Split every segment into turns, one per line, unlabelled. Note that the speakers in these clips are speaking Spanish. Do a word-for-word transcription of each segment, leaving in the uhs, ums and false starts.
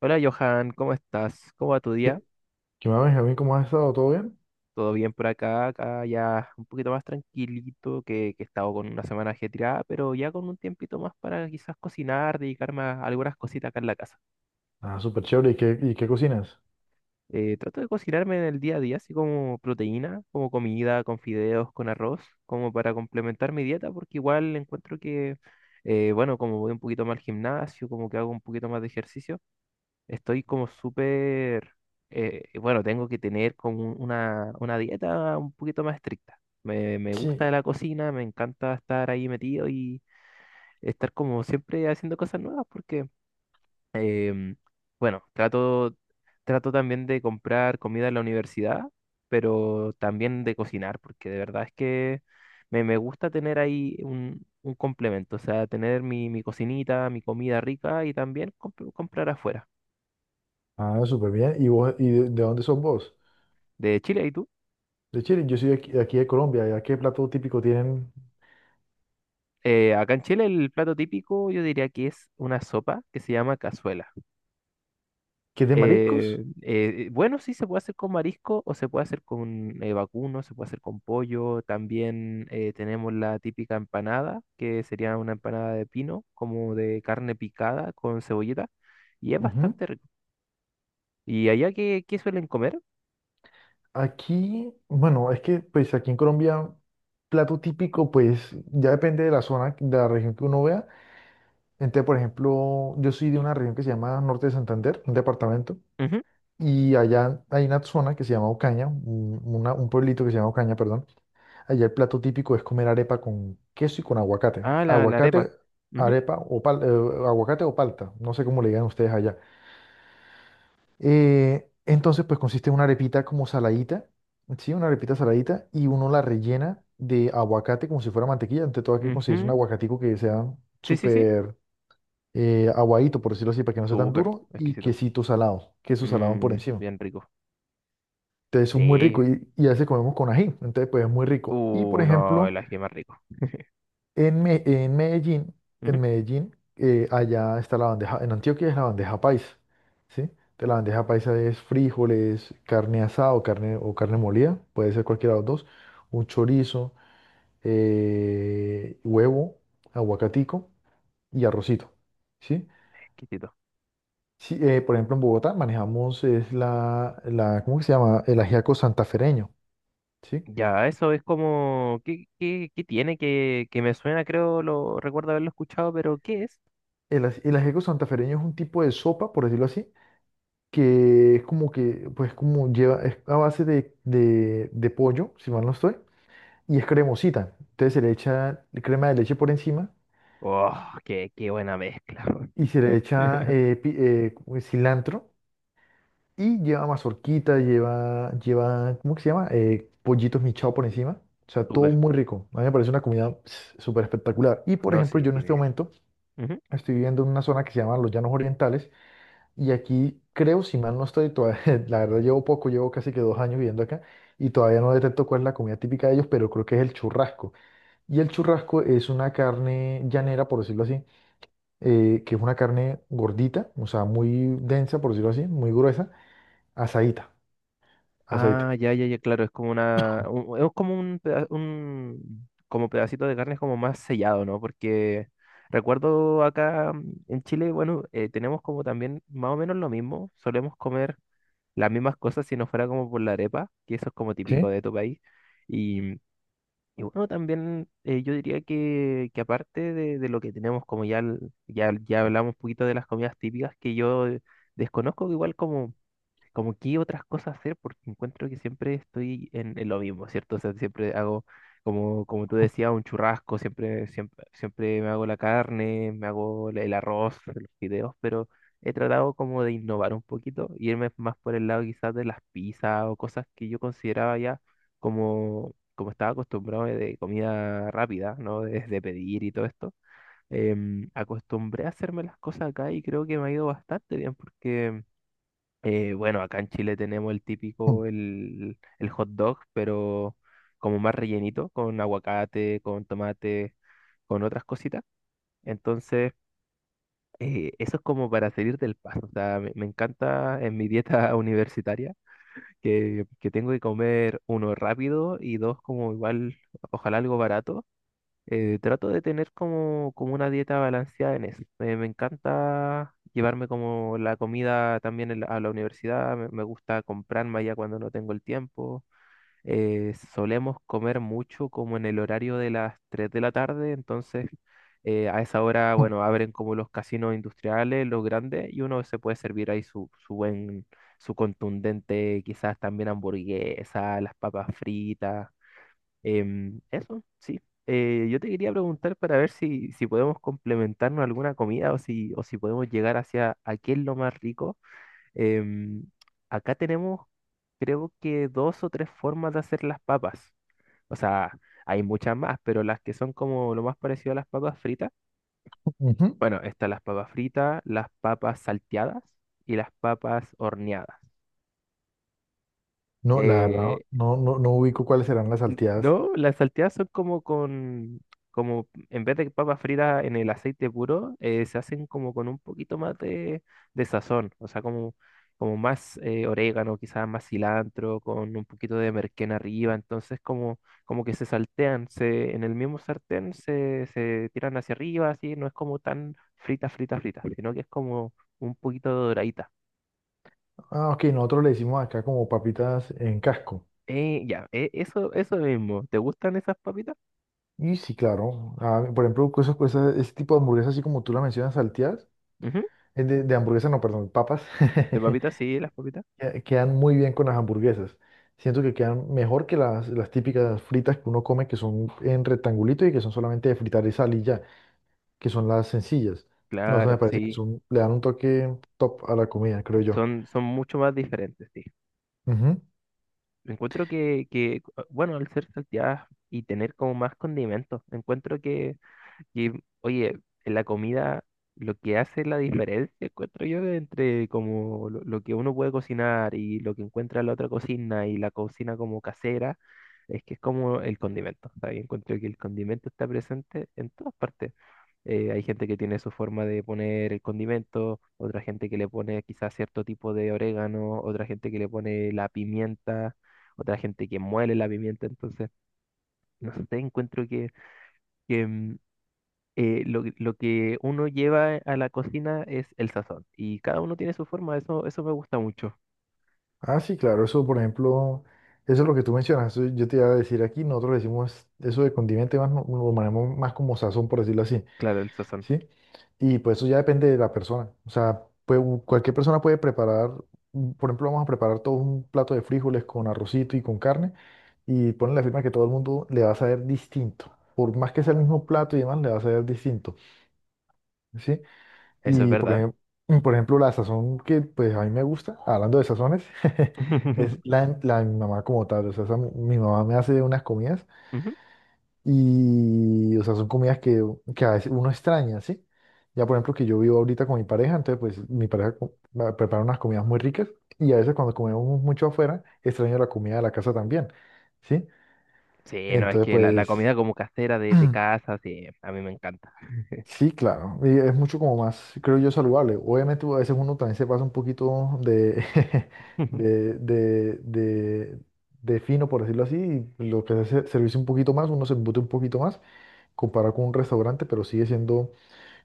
Hola Johan, ¿cómo estás? ¿Cómo va tu día?
¿Qué, qué más, Benjamín? ¿Cómo has estado? ¿Todo bien?
¿Todo bien por acá? Acá ya un poquito más tranquilito, que, que he estado con una semana ajetreada, pero ya con un tiempito más para quizás cocinar, dedicarme a algunas cositas acá en la casa.
Ah, súper chévere. ¿Y qué, y qué cocinas?
Eh, trato de cocinarme en el día a día, así como proteína, como comida, con fideos, con arroz, como para complementar mi dieta, porque igual encuentro que, eh, bueno, como voy un poquito más al gimnasio, como que hago un poquito más de ejercicio. Estoy como súper, eh, bueno, tengo que tener como un- una, una dieta un poquito más estricta. Me, me
Sí.
gusta la cocina, me encanta estar ahí metido y estar como siempre haciendo cosas nuevas porque, em, bueno, trato, trato también de comprar comida en la universidad, pero también de cocinar porque de verdad es que me, me gusta tener ahí un, un complemento, o sea, tener mi, mi cocinita, mi comida rica y también comp- comprar afuera.
Ah, súper bien. ¿Y vos, y de, de dónde sos vos?
De Chile, ¿y tú?
De Chile. Yo soy de aquí, de aquí de Colombia. ¿Ya qué plato típico tienen?
Eh, acá en Chile el plato típico yo diría que es una sopa que se llama cazuela.
¿Qué, es de mariscos?
Eh, eh, bueno, sí se puede hacer con marisco o se puede hacer con eh, vacuno, se puede hacer con pollo. También eh, tenemos la típica empanada, que sería una empanada de pino, como de carne picada con cebollita. Y es
Ujú.
bastante rico. ¿Y allá qué, qué suelen comer?
Aquí, bueno, es que pues aquí en Colombia, plato típico, pues ya depende de la zona, de la región que uno vea. Entonces, por ejemplo, yo soy de una región que se llama Norte de Santander, un departamento.
Ujú.
Y allá hay una zona que se llama Ocaña, un una- un pueblito que se llama Ocaña, perdón. Allá el plato típico es comer arepa con queso y con aguacate.
Ah, la, la
Aguacate,
arepa. Ujú,
arepa o pal- eh, aguacate o palta, no sé cómo le digan ustedes allá. Eh, entonces, pues consiste en una arepita como saladita, ¿sí? Una arepita saladita y uno la rellena de aguacate como si fuera mantequilla. Ante todo, hay que conseguirse un
ujú.
aguacatico que sea
Sí, sí, sí.
súper eh, aguadito, por decirlo así, para que no sea tan
Súper,
duro y
exquisito.
quesito salado, queso salado por
Mm,
encima.
bien rico.
Entonces, es muy
Sí.
rico y, y a veces comemos con ají, entonces, pues es muy rico. Y, por
Uh, no,
ejemplo,
el ají es más rico.
En, Me- en Medellín,
Ujú,
en Medellín, eh, allá está la bandeja, en Antioquia es la bandeja paisa, ¿sí? De la bandeja paisa es frijoles, carne asada o carne, o carne molida, puede ser cualquiera de los dos, un chorizo, eh, huevo, aguacatico y arrocito, ¿sí?
exquisito.
Sí, eh, por ejemplo, en Bogotá manejamos es la, la, ¿cómo que se llama? El ajiaco santafereño, ¿sí?
Ya, eso es como... ¿Qué, qué, qué tiene que, que me suena? Creo lo recuerdo haberlo escuchado, pero ¿qué es?
El, aj- el ajiaco santafereño es un tipo de sopa, por decirlo así, que es como que, pues como lleva, es a base de, de, de pollo, si mal no estoy, y es cremosita. Entonces se le echa crema de leche por encima
Oh, qué, qué buena mezcla. Weón.
y se le echa eh, pi- eh, como es cilantro y lleva mazorquita, lleva, lleva, ¿cómo que se llama? Eh, pollitos michao por encima. O sea, todo
Súper.
muy rico. A mí me parece una comida pss, súper espectacular. Y por
No,
ejemplo,
sí,
yo en este
tiene.
momento
Ujú.
estoy viviendo en una zona que se llama Los Llanos Orientales. Y aquí creo, si mal no estoy, todavía- la verdad llevo poco, llevo casi que dos años viviendo acá y todavía no detecto cuál es la comida típica de ellos, pero creo que es el churrasco. Y el churrasco es una carne llanera, por decirlo así, eh, que es una carne gordita, o sea, muy densa, por decirlo así, muy gruesa, asadita, asadita.
Ah, ya, ya, ya, claro, es como una... un- es como un, peda- un como pedacito de carne como más sellado, ¿no? Porque recuerdo acá mm, en Chile, bueno, eh, tenemos como también más o menos lo mismo. Solemos comer las mismas cosas si no fuera como por la arepa, que eso es como
¿Sí?
típico de tu país. Y, y bueno, también eh, yo diría que, que aparte de, de lo que tenemos, como ya, el- ya, ya hablamos un poquito de las comidas típicas que yo desconozco, que igual como... como qué otras cosas hacer, porque encuentro que siempre estoy en, en lo mismo, ¿cierto? O sea, siempre hago, como, como tú decías, un churrasco, siempre, siempre, siempre me hago la carne, me hago la- el arroz, los fideos, pero he tratado como de innovar un poquito, irme más por el lado quizás de las pizzas o cosas que yo consideraba ya como, como estaba acostumbrado de comida rápida, ¿no? De, de pedir y todo esto. Em, acostumbré a hacerme las cosas acá y creo que me ha ido bastante bien porque eh, bueno, acá en Chile tenemos el
Mm,
típico, el, el hot dog, pero como más rellenito, con aguacate, con tomate, con otras cositas. Entonces, eh, eso es como para salir del paso. O sea, me, me encanta en mi dieta universitaria que, que tengo que comer, uno, rápido y dos, como igual, ojalá algo barato. Eh, trato de tener como, como una dieta balanceada en eso. Me, me encanta llevarme como la comida también en la- a la universidad, me, me gusta comprarme allá cuando no tengo el tiempo. Eh, solemos comer mucho como en el horario de las tres de la tarde, entonces eh, a esa hora,
mm,
bueno, abren como los casinos industriales, los grandes, y uno se puede servir ahí su, su buen, su contundente, quizás también hamburguesa, las papas fritas. Em, eso, sí. Eh, yo te quería preguntar para ver si, si podemos complementarnos alguna comida o si, o si podemos llegar hacia a qué es lo más rico. Em, Acá tenemos, creo que dos o tres formas de hacer las papas. O sea, hay muchas más, pero las que son como lo más parecido a las papas fritas.
ujú.
Bueno, están las papas fritas, las papas salteadas y las papas horneadas.
No, la verdad,
Eh,
no, no, no ubico cuáles serán las
N-
salteadas.
No, las salteadas son como con, como en vez de papas fritas en el aceite puro, eh, se hacen como con un poquito más de, de sazón, o sea, como, como más eh, orégano, quizás más cilantro, con un poquito de merquén arriba, entonces como, como que se saltean, se, en el mismo sartén se, se tiran hacia arriba, así, no es como tan frita, frita, frita, sino que es como un poquito doradita.
Ah, ok, nosotros le decimos acá como papitas en casco.
Eh, ya, eh, eso, eso mismo, ¿te gustan esas papitas?
Y sí, claro. Ah, por ejemplo, cosas, cosas, ese tipo de hamburguesas, así como tú la mencionas, salteadas,
Ujú.
eh, de, de hamburguesas, no, perdón, papas,
De papitas, sí, las papitas.
que- quedan muy bien con las hamburguesas. Siento que quedan mejor que las, las típicas fritas que uno come, que son en rectangulito y que son solamente de fritar y sal y ya, que son las sencillas. No, eso me
Claro,
parece que
sí,
son, le dan un toque top a la comida, creo yo.
son, son mucho más diferentes, sí.
Ujú.
Encuentro que, que, ah, bueno, al ser salteadas y tener como más condimentos, encuentro que, que, oye, en la comida lo que hace la diferencia, encuentro yo, entre como lo, lo que uno puede cocinar y lo que encuentra en la otra cocina y la cocina como casera, es que es como el condimento, ¿sabes? Encuentro que el condimento está presente en todas partes. Eh, hay gente que tiene su forma de poner el condimento, otra gente que le pone quizás cierto tipo de orégano, otra gente que le pone la pimienta, otra gente que muele la pimienta. Entonces, no sé, encuentro que, que, mm, eh, lo, que- lo que uno lleva a la cocina es el sazón. Y cada uno tiene su forma, eso, eso me gusta mucho.
Ah, sí, claro, eso, por ejemplo, eso es lo que tú mencionas. Eso Yo te iba a decir aquí, nosotros le decimos eso de condimento, y más, lo lo manejamos más como sazón, por decirlo así.
Claro, el sazón.
¿Sí? Y pues eso ya depende de la persona. O sea, puede- u- cualquier persona puede preparar, mm, por ejemplo, vamos a preparar todos un plato de frijoles con arrocito y con carne y ponen la firma que todo el mundo le va a saber distinto. Por más que sea el mismo plato y demás, le va a saber distinto, ¿sí?
Eso es
Y por
verdad.
ejemplo, por ejemplo, la sazón que pues a mí me gusta, hablando de sazones, es la, de- la de mi mamá como tal. O sea, esa- mi mamá me hace unas comidas.
Ujú.
Y, o sea, son comidas que, que a veces uno extraña, ¿sí? Ya, por ejemplo, que yo vivo ahorita con mi pareja, entonces, pues, mi pareja co- me prepara unas comidas muy ricas y a veces cuando comemos mucho afuera, extraño la comida de la casa también, ¿sí?
Sí, no, es
Entonces,
que la, la
pues,
comida como casera de, de casa, sí, a mí me encanta.
sí, claro, y es mucho como más, creo yo, saludable. Obviamente, a veces uno también se pasa un poquito de, de, de, de, de fino, por decirlo así, y lo que hace es servirse un poquito más, uno se embute un poquito más, comparado con un restaurante, pero sigue siendo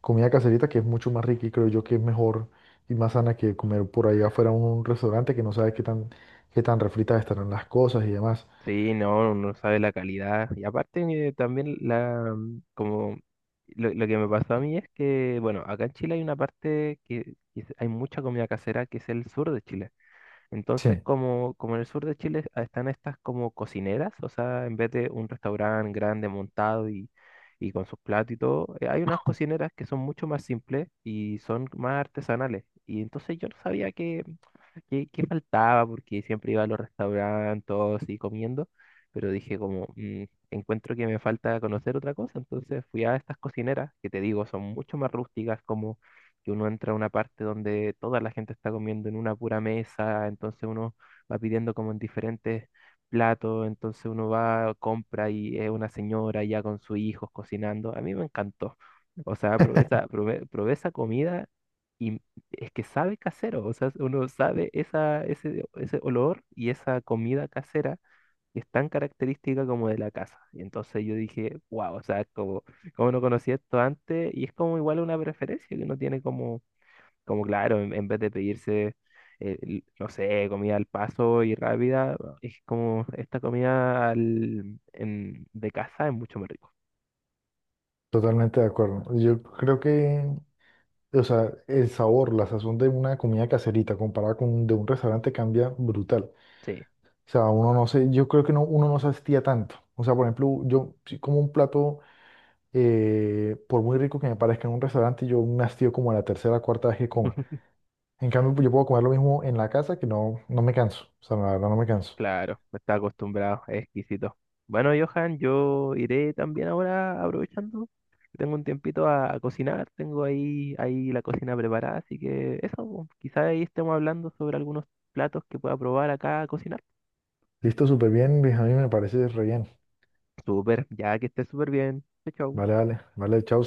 comida caserita que es mucho más rica y creo yo que es mejor y más sana que comer por ahí afuera en un restaurante que no sabes qué tan, qué tan refritas estarán las cosas y demás.
Sí, no, uno sabe la calidad. Y aparte eh, también la mm, como lo, lo que me pasó a mí es que, bueno, acá en Chile hay una parte que, que es- hay mucha comida casera que es el sur de Chile. Entonces,
Sí,
como, como en el sur de Chile ah, están estas como cocineras, o sea, en vez de un restaurante grande montado y, y con sus platos y todo, eh, hay unas cocineras que son mucho más simples y son más artesanales. Y entonces yo no sabía que, qué, qué faltaba, porque siempre iba a los restaurantes y comiendo, pero dije como, "Mm, encuentro que me falta conocer otra cosa", entonces fui a estas cocineras, que te digo, son mucho más rústicas, como que uno entra a una parte donde toda la gente está comiendo en una pura mesa, entonces uno va pidiendo como en diferentes platos, entonces uno va, compra y es una señora ya con sus hijos cocinando, a mí me encantó. O sea, probé esa, probé, probé esa comida, es que sabe casero, o sea, uno sabe esa, ese, ese olor y esa comida casera que es tan característica como de la casa. Y entonces yo dije, wow, o sea, como, como no conocía esto antes, y es como igual una preferencia que uno tiene como, como claro, en, en vez de pedirse, eh, l- no sé, comida al paso y rápida, es como esta comida al- en- de casa es mucho más rico.
totalmente de acuerdo. Yo creo que, o sea, el sabor, la sazón de una comida caserita comparada con de un restaurante cambia brutal.
Sí.
O sea, uno no se, yo creo que no, uno no se hastía tanto. O sea, por ejemplo, yo si como un plato, eh, por muy rico que me parezca en un restaurante, yo me hastío como a la tercera o cuarta vez que coma. En cambio, pues, yo puedo comer lo mismo en la casa que no, no me canso. O sea, la verdad no me canso.
Claro, está acostumbrado, es exquisito. Bueno, Johan, yo iré también ahora aprovechando que tengo un tiempito a, a cocinar, tengo ahí, ahí la cocina preparada, así que eso, pues, quizá ahí estemos hablando sobre algunos platos que pueda probar acá a cocinar.
Listo, súper bien, Luis. A mí me parece re bien.
Súper, ya que esté súper bien. Chau,
Vale,
chau.
vale, vale, chao.